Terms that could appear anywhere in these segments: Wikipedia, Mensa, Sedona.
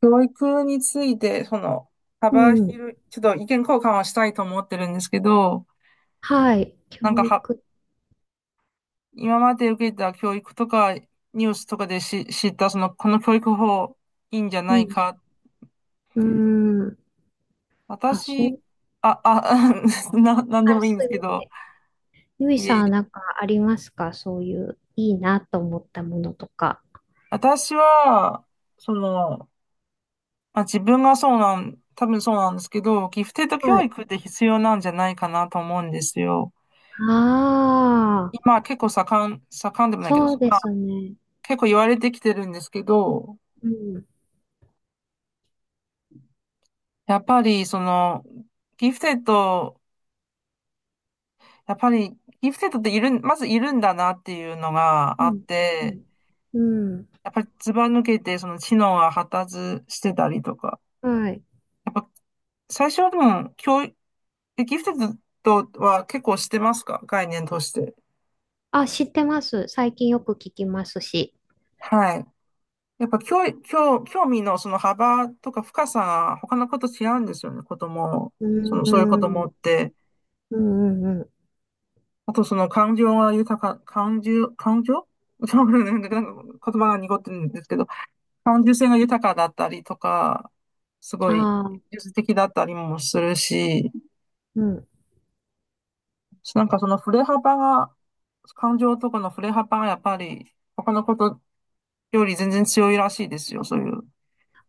教育について、う幅ん。広い、ちょっと意見交換をしたいと思ってるんですけど、はい。なん教かは、育。今まで受けた教育とか、ニュースとかで知った、この教育法、いいんじゃうないん。か。うん。あ、そ私、う。あ、あ、なんであ、もいいんすですいけませど、ん。ゆいいさえいんえ、はなんかありますか？そういういいなと思ったものとか。私は、その、まあ、自分がそうなん、多分そうなんですけど、ギフテッド教はい。育って必要なんじゃないかなと思うんですよ。ああ、今結構盛んでもないけど、そうですね。結構言われてきてるんですけど、うん。やっぱりその、ギフテッド、やっぱりギフテッドっているん、まずいるんだなっていうのがうあっん。うて、ん。うん。やっぱりずば抜けてその知能が発達してたりとか、はい。やっぱ最初はでも教育、ギフテッドとは結構してますか、概念として。あ、知ってます。最近よく聞きますし。はい。やっぱ教育、教、興味のその幅とか深さが他の子と違うんですよね、子供、うその、そういう子ー供っん。て。うんうんうあとその感情が豊か、感情、感情、ちょっと待って、なんか言葉が濁ってるんですけど、感受性が豊かだったりとか、すん。ごあいあ、技術的だったりもするし、うん。なんかその振れ幅が、感情とかの振れ幅がやっぱり他のことより全然強いらしいですよ、そういう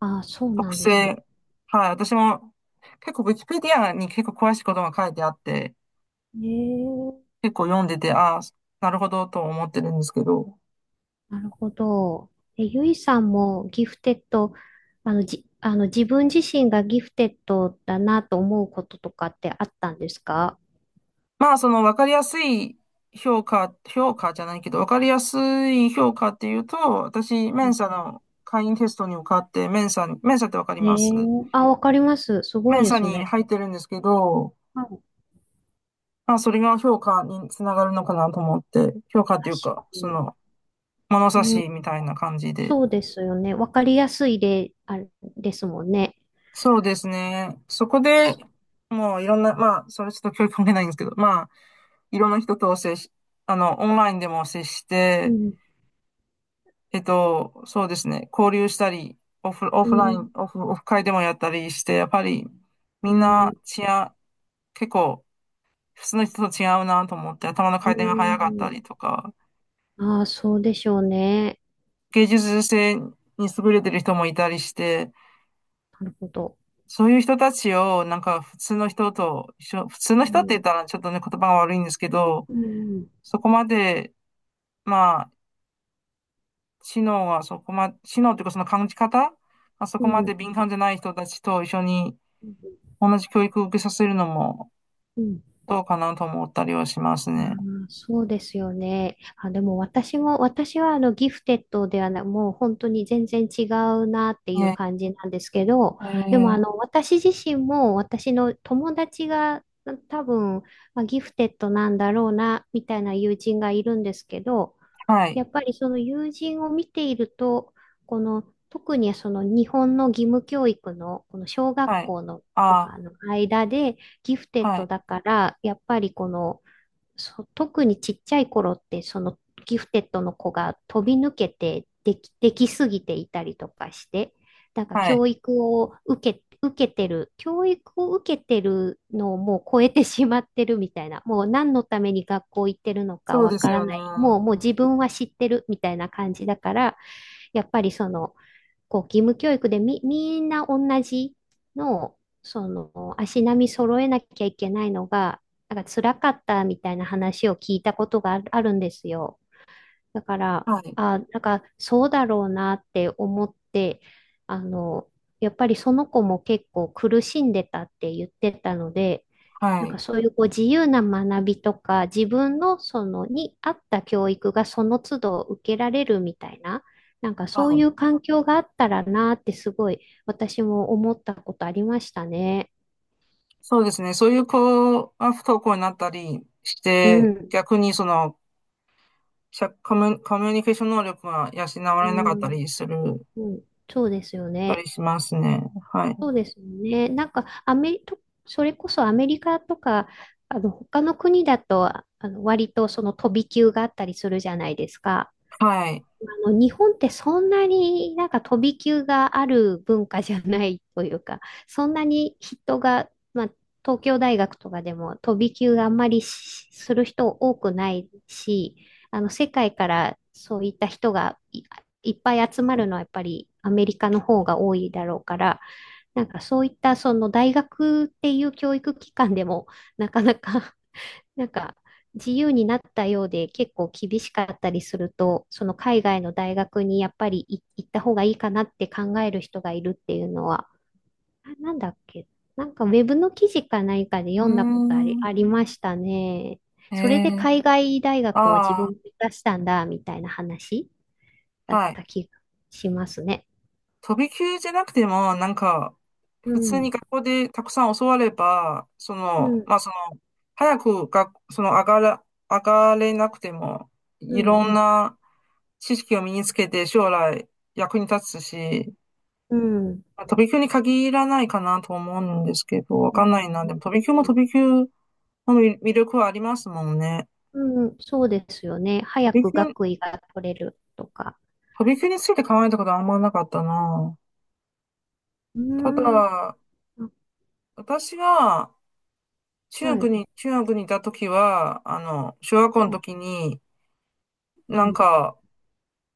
ああ、そうな特んですね。性。はい、私も結構ウィキペディアに結構詳しいことが書いてあって、ええ、結構読んでて、ああ、なるほどと思ってるんですけど。なるほど。え、ゆいさんもギフテッド、あの、じ、あの、自分自身がギフテッドだなと思うこととかってあったんですか？まあ、その分かりやすい評価、評価じゃないけど、分かりやすい評価っていうと、私、うメンん。サの会員テストに受かって、メンサって分かります？あ、わかります。すメごいンでサすにね。入ってるんですけど、はい、まあ、それが評価につながるのかなと思って、評価っていう確か、かに。物差うしん、みたいな感じで。そうですよね。わかりやすいで、あれですもんね。そうですね。そこで、そもういろんな、まあ、それちょっと教育関係ないんですけど、まあ、いろんな人と接し、オンラインでも接しうて、ん、そうですね。交流したり、オフ、オうフライん、ン、オフ、オフ会でもやったりして、やっぱりうみんなん、違う、結構普通の人と違うなと思って、頭のう回転が早かったん。りとか、ああ、そうでしょうね。芸術性に優れてる人もいたりして、なるほど。そういう人たちをなんか普通の人と一緒、普通のう人って言っん、たらちょっとね、言葉が悪いんですけど、うん、そこまで、まあ、知能というかその感じ方、まあ、そうこまん、でう敏感じゃない人たちと一緒にん。同じ教育を受けさせるのもうん、どうかなと思ったりはしますあね。ー、そうですよね。あ、でも私はあのギフテッドではない、もう本当に全然違うなっていうね、感じなんですけど、えでもー、私自身も私の友達が多分、まあ、ギフテッドなんだろうなみたいな友人がいるんですけど、はやい、っぱりその友人を見ていると、この特にその日本の義務教育のこの小学はい、校のとあかの間でギフテーッはドい、だから、やっぱりそう、特にちっちゃい頃って、そのギフテッドの子が飛び抜けてできすぎていたりとかして、なんかはい。教育を受けてるのをもう超えてしまってるみたいな、もう何のために学校行ってるのかそうわですからよない、もう、もうね。自分は知ってるみたいな感じだから、やっぱりその、こう義務教育でみんな同じのを、その足並み揃えなきゃいけないのが、なんか辛かったみたいな話を聞いたことがあるんですよ。だから、はい、あ、なんかそうだろうなって思って、あの、やっぱりその子も結構苦しんでたって言ってたので、なはんかい、そういうこう自由な学びとか、自分のそのに合った教育がその都度受けられるみたいな、なんかはそういい。う環境があったらなーってすごい私も思ったことありましたね。そうですね。そういう子が不登校になったりしうて、ん。逆にその、社コミュ、コミュニケーション能力が養われうなかったん。りする、うん。そうですよたね。りしますね。はい。そうですよね。なんかアメリ、とそれこそアメリカとか、他の国だと、割とその飛び級があったりするじゃないですか。はい。日本ってそんなになんか飛び級がある文化じゃないというか、そんなに人が、まあ、東京大学とかでも飛び級があんまりする人多くないし、世界からそういった人がいっぱい集まるのはやっぱりアメリカの方が多いだろうから、なんかそういったその大学っていう教育機関でもなかなかなんか自由になったようで結構厳しかったりすると、その海外の大学にやっぱり行った方がいいかなって考える人がいるっていうのは、あ、なんだっけ、なんかウェブの記事か何かでうー読んだことん。ありましたね。それえでー、海外大学を自あ分で出したんだみたいな話だあ、っはい。た気がしますね。飛び級じゃなくても、なんか、う普通にん、学校でたくさん教われば、そうの、ん、まあ、早く学その上がら、上がれなくても、ういろん、んな知識を身につけて将来役に立つし、うん、まあ飛び級に限らないかなと思うんですけど、わうん、かうんん、ないな。でも飛び級も飛び級の魅力はありますもんね。うん、そうですよね。飛早びく級、学位が取れるとか。飛び級について考えたことはあんまなかったな。うたーん。だ、あ、私が、はい。中学にいた時は、あの、小学校はの時い。に、うなんん。か、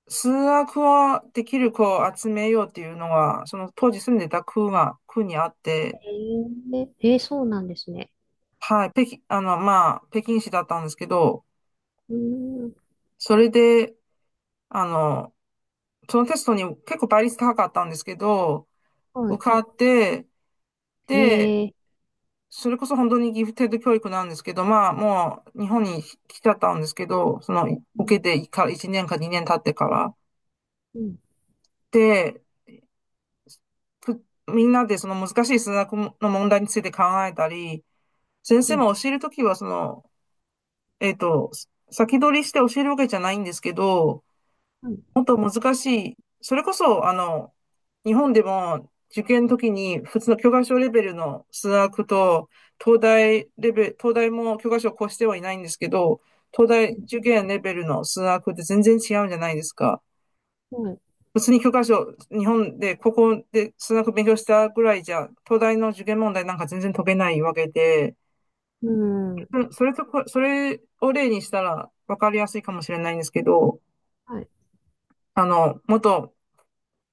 数学はできる子を集めようっていうのが、その当時住んでた区にあっえて、ー、えー、そうなんですね。はい、北京、あの、まあ、北京市だったんですけど、うーん。それで、あの、そのテストに結構倍率高かったんですけど、は受かって、い。で、えー、それこそ本当にギフテッド教育なんですけど、まあ、もう日本に来ちゃったんですけど、その、う受けん。てから1年か2年経ってから。うん。で、みんなでその難しい数学の問題について考えたり、先う生ん。も教えるときは、その、えっと、先取りして教えるわけじゃないんですけど、はい。もっと難しい、それこそ、あの、日本でも受験の時に普通の教科書レベルの数学と、東大レベル、東大も教科書を越してはいないんですけど、東大受験レベルの数学って全然違うんじゃないですか。うん。はい。物理教科書、日本で、高校で数学勉強したぐらいじゃ、東大の受験問題なんか全然解けないわけで、うん。それを例にしたら分かりやすいかもしれないんですけど、はい。あの、もっと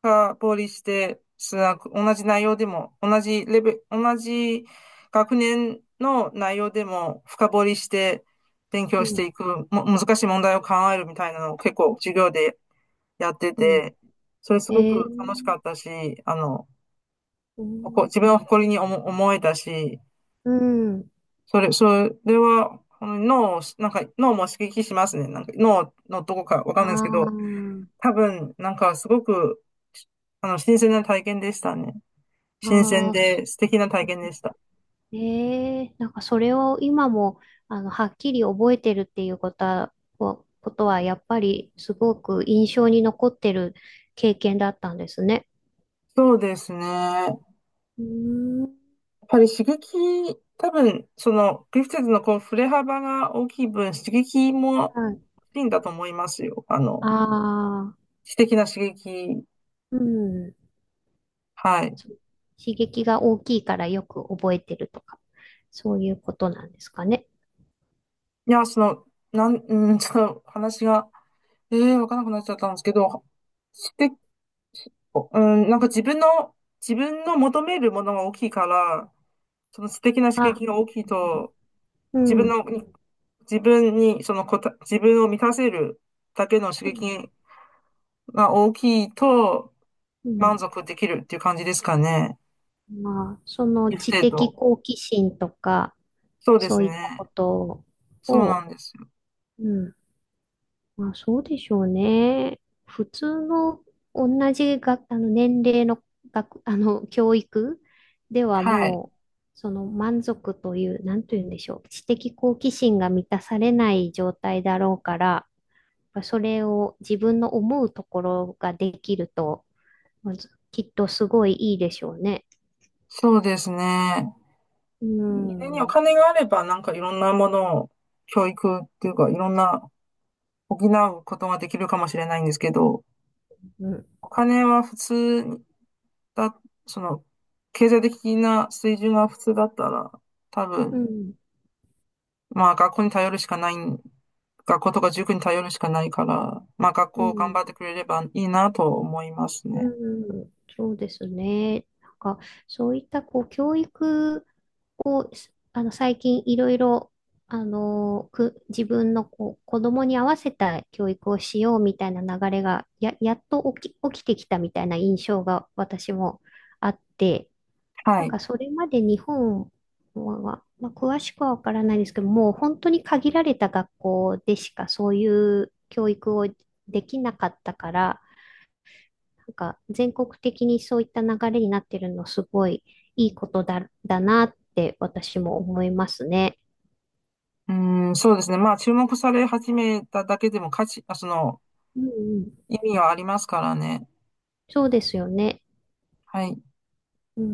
深掘りして、数学、同じ内容でも、同じレベル、同じ学年の内容でも深掘りして勉う強してん。いく、難しい問題を考えるみたいなのを結構授業でやってうん。て、それすごえく楽しー、かったし、あの、うん。自分を誇りに思えたし、うん。それは、この脳を、なんか脳も刺激しますね。なんか脳のどこかわかんないですけああ、ど、多分、なんかすごく、あの、新鮮な体験でしたね。新鮮ああ、で素敵な体験でした。ええ、なんかそれを今も、はっきり覚えてるっていうことは、こことはやっぱりすごく印象に残ってる経験だったんですね。そうですね。やっうーん。ぱり刺激、多分、その、グリフィドのこう、振れ幅が大きい分、刺激もはい。大きいんだと思いますよ。あの、ああ、知的な刺激。うん。はい。そう、刺激が大きいからよく覚えてるとか、そういうことなんですかね。いや、その、なん、うん、ちょっと話が、ええー、わかんなくなっちゃったんですけど、して、うん、なんか自分の求めるものが大きいから、その知的な刺あ、な激が大きいるほど。と、う自分ん。の、自分に、そのこた、自分を満たせるだけのう刺ん。激が大きいと、うん、満足できるっていう感じですかね。まあ、そのギフ知テッ的ド。好奇心とか、そうでそすういったね。ことそうなを、んですよ。うん。まあそうでしょうね。普通の同じあの年齢の学、あの教育でははい。もう、その満足という、なんというんでしょう、知的好奇心が満たされない状態だろうから、やっぱそれを自分の思うところができると、まずきっとすごいいいでしょうね。そうですね。う家におん、うん、金があれば、なんかいろんなものを、教育っていうか、いろんな補うことができるかもしれないんですけど、お金は普通だ、その、経済的な水準が普通だったら、多う分、ん、まあ学校に頼るしかない、学校とか塾に頼るしかないから、まあ学う校頑ん。張ってくれればいいなと思いますうね。ん、そうですね。なんか、そういったこう教育を、すあの、最近いろいろ、自分のこう子供に合わせた教育をしようみたいな流れが、や、やっと起きてきたみたいな印象が私もあって、はなんい。かそれまで日本は、まあ、詳しくはわからないですけど、もう本当に限られた学校でしかそういう教育をできなかったから、なんか全国的にそういった流れになってるのすごいいいことだなって私も思いますね。うん、そうですね。まあ注目され始めただけでも価値、あ、その、うんうん。意味はありますからね。そうですよね。はい。うん